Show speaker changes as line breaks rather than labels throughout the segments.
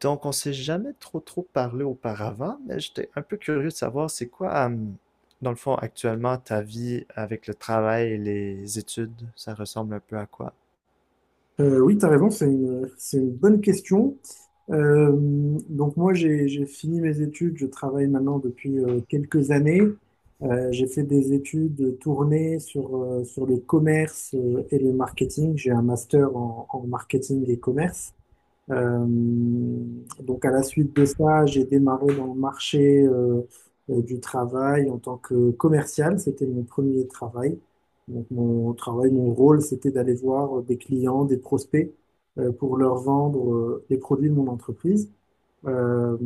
Donc, on s'est jamais trop parlé auparavant, mais j'étais un peu curieux de savoir c'est quoi, dans le fond, actuellement, ta vie avec le travail et les études, ça ressemble un peu à quoi?
Oui, tu as raison, c'est c'est une bonne question. Euh, donc moi, j'ai fini mes études, je travaille maintenant depuis quelques années. J'ai fait des études tournées sur le commerce et le marketing. J'ai un master en marketing et commerce. Euh, donc à la suite de ça, j'ai démarré dans le marché du travail en tant que commercial. C'était mon premier travail. Donc mon travail, mon rôle, c'était d'aller voir des clients, des prospects pour leur vendre les produits de mon entreprise. Euh,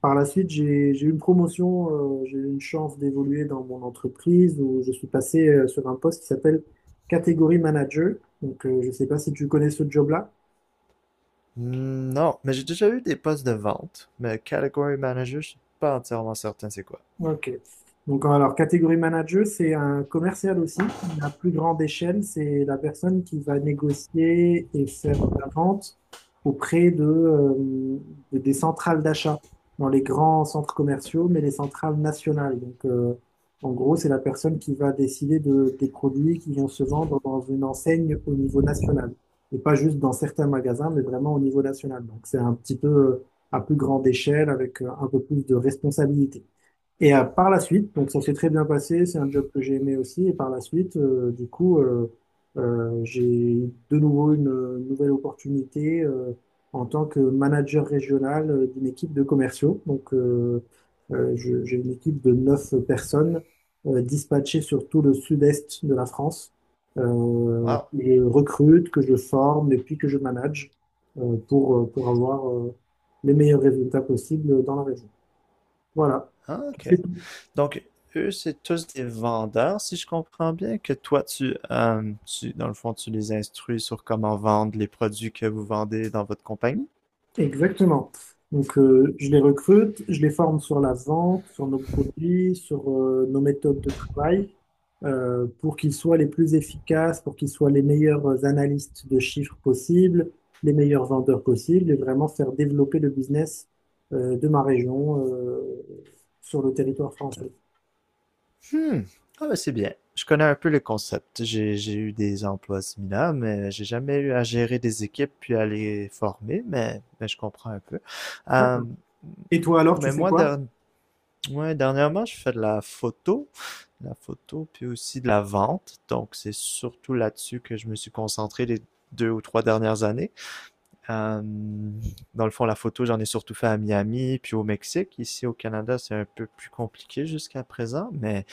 Par la suite, j'ai eu une promotion, j'ai eu une chance d'évoluer dans mon entreprise où je suis passé sur un poste qui s'appelle catégorie manager. Donc je ne sais pas si tu connais ce job-là.
Hmm. Non, mais j'ai déjà eu des postes de vente, mais category manager, je suis pas entièrement certain c'est quoi.
Ok. Donc, alors, catégorie manager, c'est un commercial aussi. La plus grande échelle, c'est la personne qui va négocier et faire la vente auprès de des centrales d'achat dans les grands centres commerciaux, mais les centrales nationales. Donc, en gros, c'est la personne qui va décider des produits qui vont se vendre dans une enseigne au niveau national. Et pas juste dans certains magasins, mais vraiment au niveau national. Donc, c'est un petit peu à plus grande échelle avec un peu plus de responsabilité. Et par la suite, donc ça s'est très bien passé, c'est un job que j'ai aimé aussi. Et par la suite, du coup, j'ai de nouveau une nouvelle opportunité en tant que manager régional d'une équipe de commerciaux. Donc, j'ai une équipe de neuf personnes dispatchées sur tout le sud-est de la France,
Wow.
que je recrute, que je forme et puis que je manage pour pour avoir les meilleurs résultats possibles dans la région. Voilà.
Ah, ok. Donc, eux, c'est tous des vendeurs, si je comprends bien, que toi, tu, dans le fond, tu les instruis sur comment vendre les produits que vous vendez dans votre compagnie?
Exactement. Donc, je les recrute, je les forme sur la vente, sur nos produits, sur nos méthodes de travail, pour qu'ils soient les plus efficaces, pour qu'ils soient les meilleurs analystes de chiffres possibles, les meilleurs vendeurs possibles, et vraiment faire développer le business de ma région sur le territoire français.
Hmm. Ah ben, c'est bien. Je connais un peu le concept. J'ai eu des emplois similaires, mais j'ai jamais eu à gérer des équipes puis à les former, mais je comprends un peu. Euh,
Et toi alors, tu
mais
fais
moi,
quoi?
ouais, dernièrement, je fais de la photo, puis aussi de la vente. Donc, c'est surtout là-dessus que je me suis concentré les deux ou trois dernières années. Euh, Dans le fond, la photo, j'en ai surtout fait à Miami, puis au Mexique. Ici, au Canada, c'est un peu plus compliqué jusqu'à présent, mais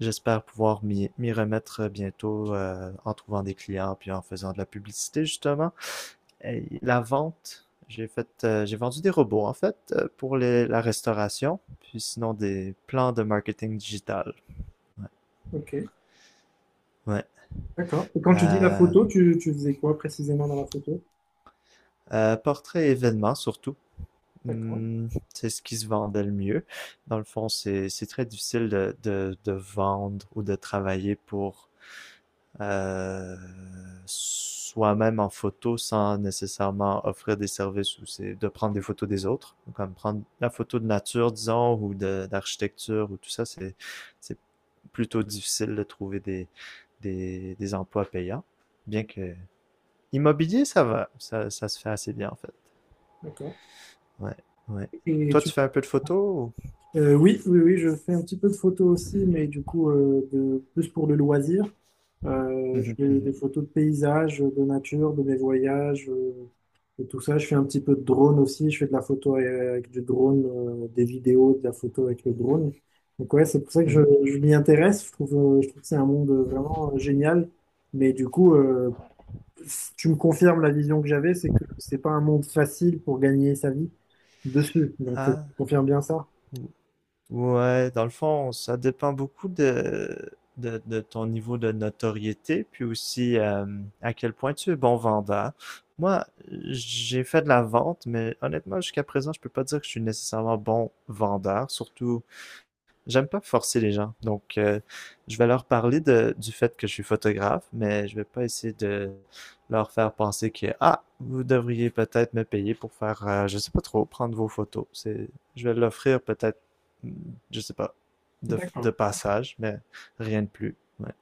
j'espère pouvoir m'y remettre bientôt en trouvant des clients, puis en faisant de la publicité, justement. Et la vente, j'ai vendu des robots, en fait, pour la restauration, puis sinon des plans de marketing digital.
Ok,
Ouais.
d'accord. Et quand tu dis la
Euh,
photo, tu faisais quoi précisément dans la photo?
Portrait événement, surtout.
D'accord,
Hmm, c'est ce qui se vendait le mieux. Dans le fond, c'est très difficile de vendre ou de travailler pour euh, soi-même en photo sans nécessairement offrir des services ou c'est de prendre des photos des autres. Comme prendre la photo de nature, disons, ou de d'architecture ou tout ça, c'est plutôt difficile de trouver des emplois payants. Bien que immobilier, ça va, ça se fait assez bien en fait.
d'accord.
Ouais, ouais.
Et
Toi, tu fais un peu de photos ou...
Oui, oui, oui, je fais un petit peu de photos aussi, mais du coup, plus pour le loisir. Je
Mhm,
fais des
mhm,
photos de paysages, de nature, de mes voyages, et tout ça. Je fais un petit peu de drone aussi. Je fais de la photo avec du drone, des vidéos, de la photo avec le drone. Donc ouais, c'est pour ça que
mhm.
je m'y intéresse. Je trouve que c'est un monde vraiment génial. Mais du coup, tu me confirmes la vision que j'avais, c'est que c'est pas un monde facile pour gagner sa vie dessus. Donc,
Ah,
tu confirmes bien ça?
ou- ouais, dans le fond, ça dépend beaucoup de ton niveau de notoriété, puis aussi à quel point tu es bon vendeur. Moi, j'ai fait de la vente, mais honnêtement, jusqu'à présent, je peux pas dire que je suis nécessairement bon vendeur, surtout j'aime pas forcer les gens. Donc, je vais leur parler du fait que je suis photographe, mais je vais pas essayer de leur faire penser que, ah, vous devriez peut-être me payer pour faire, je sais pas trop, prendre vos photos. C'est, je vais l'offrir peut-être, je sais pas, de
D'accord.
passage, mais rien de plus. Ouais.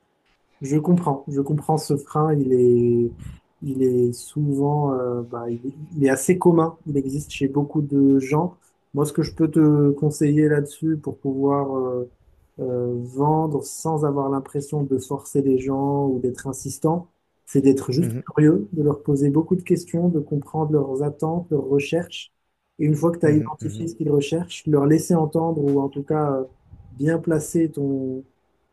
Je comprends ce frein, il est souvent, bah, il est assez commun, il existe chez beaucoup de gens. Moi, ce que je peux te conseiller là-dessus pour pouvoir vendre sans avoir l'impression de forcer les gens ou d'être insistant, c'est d'être juste
Mhm,
curieux, de leur poser beaucoup de questions, de comprendre leurs attentes, leurs recherches. Et une fois que tu as
mhm,
identifié
mhm,
ce qu'ils recherchent, leur laisser entendre ou en tout cas bien placer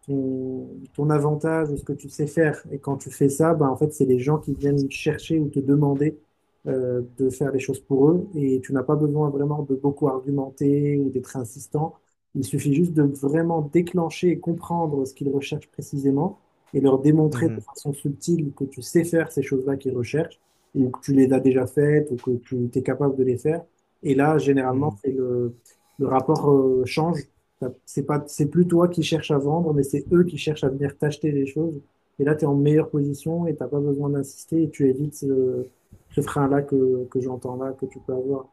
ton, ton avantage ou ce que tu sais faire. Et quand tu fais ça, bah, en fait, c'est les gens qui viennent chercher ou te demander de faire les choses pour eux. Et tu n'as pas besoin vraiment de beaucoup argumenter ou d'être insistant. Il suffit juste de vraiment déclencher et comprendre ce qu'ils recherchent précisément et leur démontrer de
mhm,
façon subtile que tu sais faire ces choses-là qu'ils recherchent ou que tu les as déjà faites ou que tu es capable de les faire. Et là, généralement,
mhm.
le rapport change. T'as- C'est pas, c'est plus toi qui cherches à vendre, mais c'est eux qui cherchent à venir t'acheter les choses. Et là, tu es en meilleure position et t'as pas besoin d'insister et tu évites ce frein-là que j'entends là, que tu peux avoir.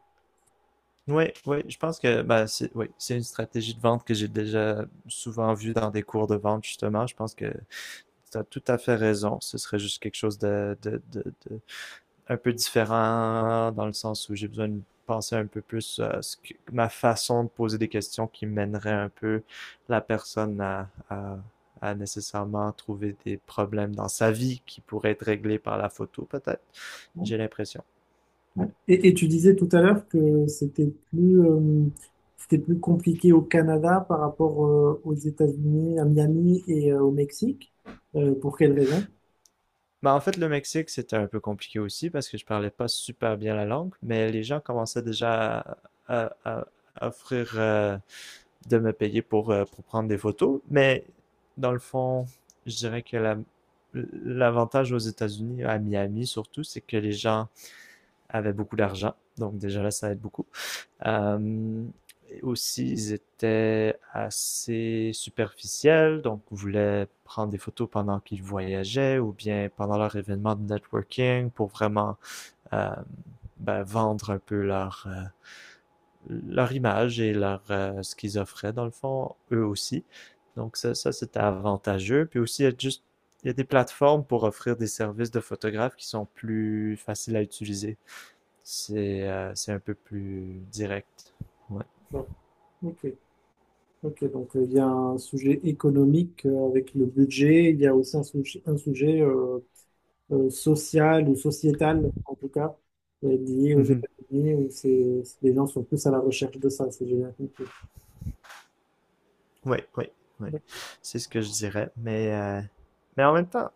Oui, oui, je pense que bah, c'est oui, c'est une stratégie de vente que j'ai déjà souvent vue dans des cours de vente, justement. Je pense que tu as tout à fait raison. Ce serait juste quelque chose un peu différent dans le sens où j'ai besoin de penser un peu plus à ce que, ma façon de poser des questions qui mènerait un peu la personne à nécessairement trouver des problèmes dans sa vie qui pourraient être réglés par la photo, peut-être. J'ai l'impression.
Ouais.
Ouais.
Et tu disais tout à l'heure que c'était c'était plus compliqué au Canada par rapport aux États-Unis, à Miami et au Mexique. Pour quelle raison?
Bah, en fait, le Mexique, c'était un peu compliqué aussi parce que je parlais pas super bien la langue, mais les gens commençaient déjà à, à- à offrir de me payer pour prendre des photos. Mais dans le fond, je dirais que la, l'avantage aux États-Unis, à Miami surtout, c'est que les gens avaient beaucoup d'argent. Donc déjà là, ça aide beaucoup. Euh, Aussi, ils étaient assez superficiels, donc voulaient prendre des photos pendant qu'ils voyageaient ou bien pendant leur événement de networking pour vraiment euh, ben, vendre un peu leur, leur image et leur, ce qu'ils offraient, dans le fond, eux aussi. Donc ça c'était avantageux. Puis aussi, il y a juste il y a des plateformes pour offrir des services de photographes qui sont plus faciles à utiliser. C'est un peu plus direct. Ouais.
Bon, Ok, ok. Donc il y a un sujet économique avec le budget. Il y a aussi un sujet, un sujet sociale ou sociétale, en tout cas, liée aux
Mhm.
États-Unis, où les gens sont plus à la recherche de ça, si j'ai bien compris.
Ouais, ouais, ouais. C'est ce que je dirais. Mais en même temps,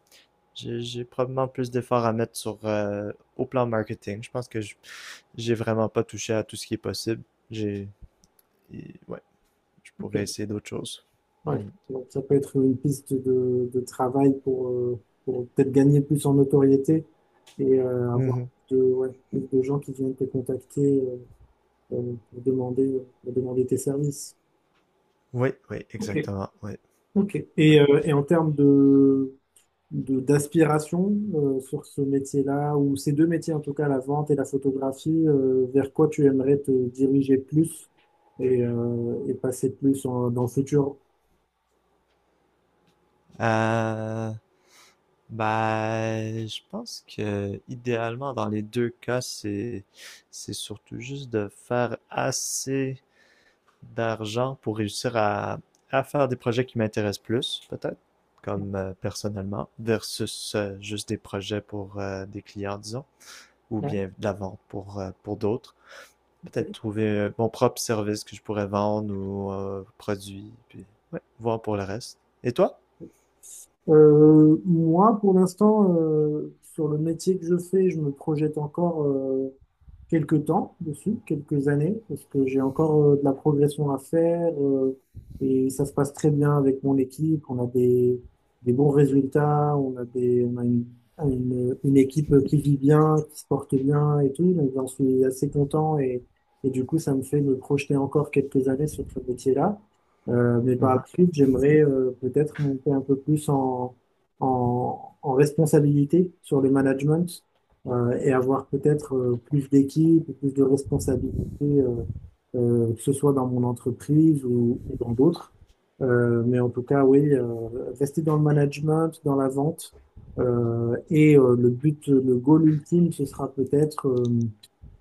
j'ai probablement plus d'efforts à mettre sur au plan marketing. Je pense que j'ai vraiment pas touché à tout ce qui est possible. J'ai. Ouais. Je
Ok.
pourrais essayer d'autres choses.
Ouais.
Hmm.
Donc, ça peut être une piste de travail pour peut-être gagner plus en notoriété et avoir
Mhm.
ouais, plus de gens qui viennent te contacter pour demander tes services.
Oui, oui,
Ok.
exactement. Oui.
Ok.
Oui.
Et en termes d'aspiration sur ce métier-là, ou ces deux métiers en tout cas, la vente et la photographie, vers quoi tu aimerais te diriger plus et et passer plus dans le futur?
Euh, ben, je pense que idéalement, dans les deux cas, c'est surtout juste de faire assez d'argent pour réussir à faire des projets qui m'intéressent plus, peut-être, comme personnellement, versus juste des projets pour des clients, disons, ou
Ouais,
bien de la vente pour d'autres. Peut-être
ok.
trouver mon propre service que je pourrais vendre ou produit, puis ouais, voir pour le reste. Et toi?
Moi, pour l'instant, sur le métier que je fais, je me projette encore quelques temps dessus, quelques années, parce que j'ai encore de la progression à faire et ça se passe très bien avec mon équipe. On a des bons résultats, on a une équipe qui vit bien, qui se porte bien et tout. Donc j'en suis assez content et du coup ça me fait me projeter encore quelques années sur ce métier-là. Mais par la
Mhm.
suite, j'aimerais peut-être monter un peu plus en responsabilité sur le management et avoir peut-être plus d'équipe, plus de responsabilités, euh, que ce soit dans mon entreprise ou dans d'autres. Mais en tout cas, oui, rester dans le management, dans la vente. Et le but, le goal ultime, ce sera peut-être euh,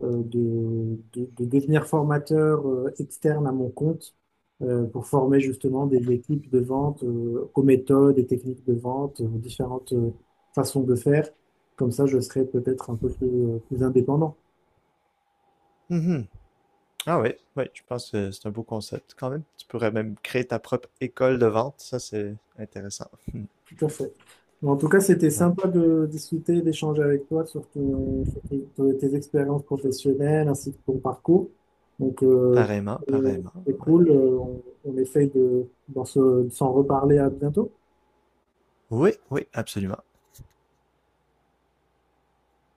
euh, de, de devenir formateur externe à mon compte pour former justement des équipes de vente aux méthodes et techniques de vente, aux différentes façons de faire comme ça, je serai peut-être un peu plus indépendant.
Mhm. Ah oui, oui, je pense que c'est un beau concept quand même. Tu pourrais même créer ta propre école de vente, ça c'est intéressant.
Tout à fait. Mais en tout cas, c'était
Mm. Ouais.
sympa de discuter, d'échanger avec toi sur tes expériences professionnelles ainsi que ton parcours. Donc,
Pareillement,
c'est
pareillement,
c'est
ouais.
cool. On essaye de s'en reparler à bientôt.
Oui, oui, absolument.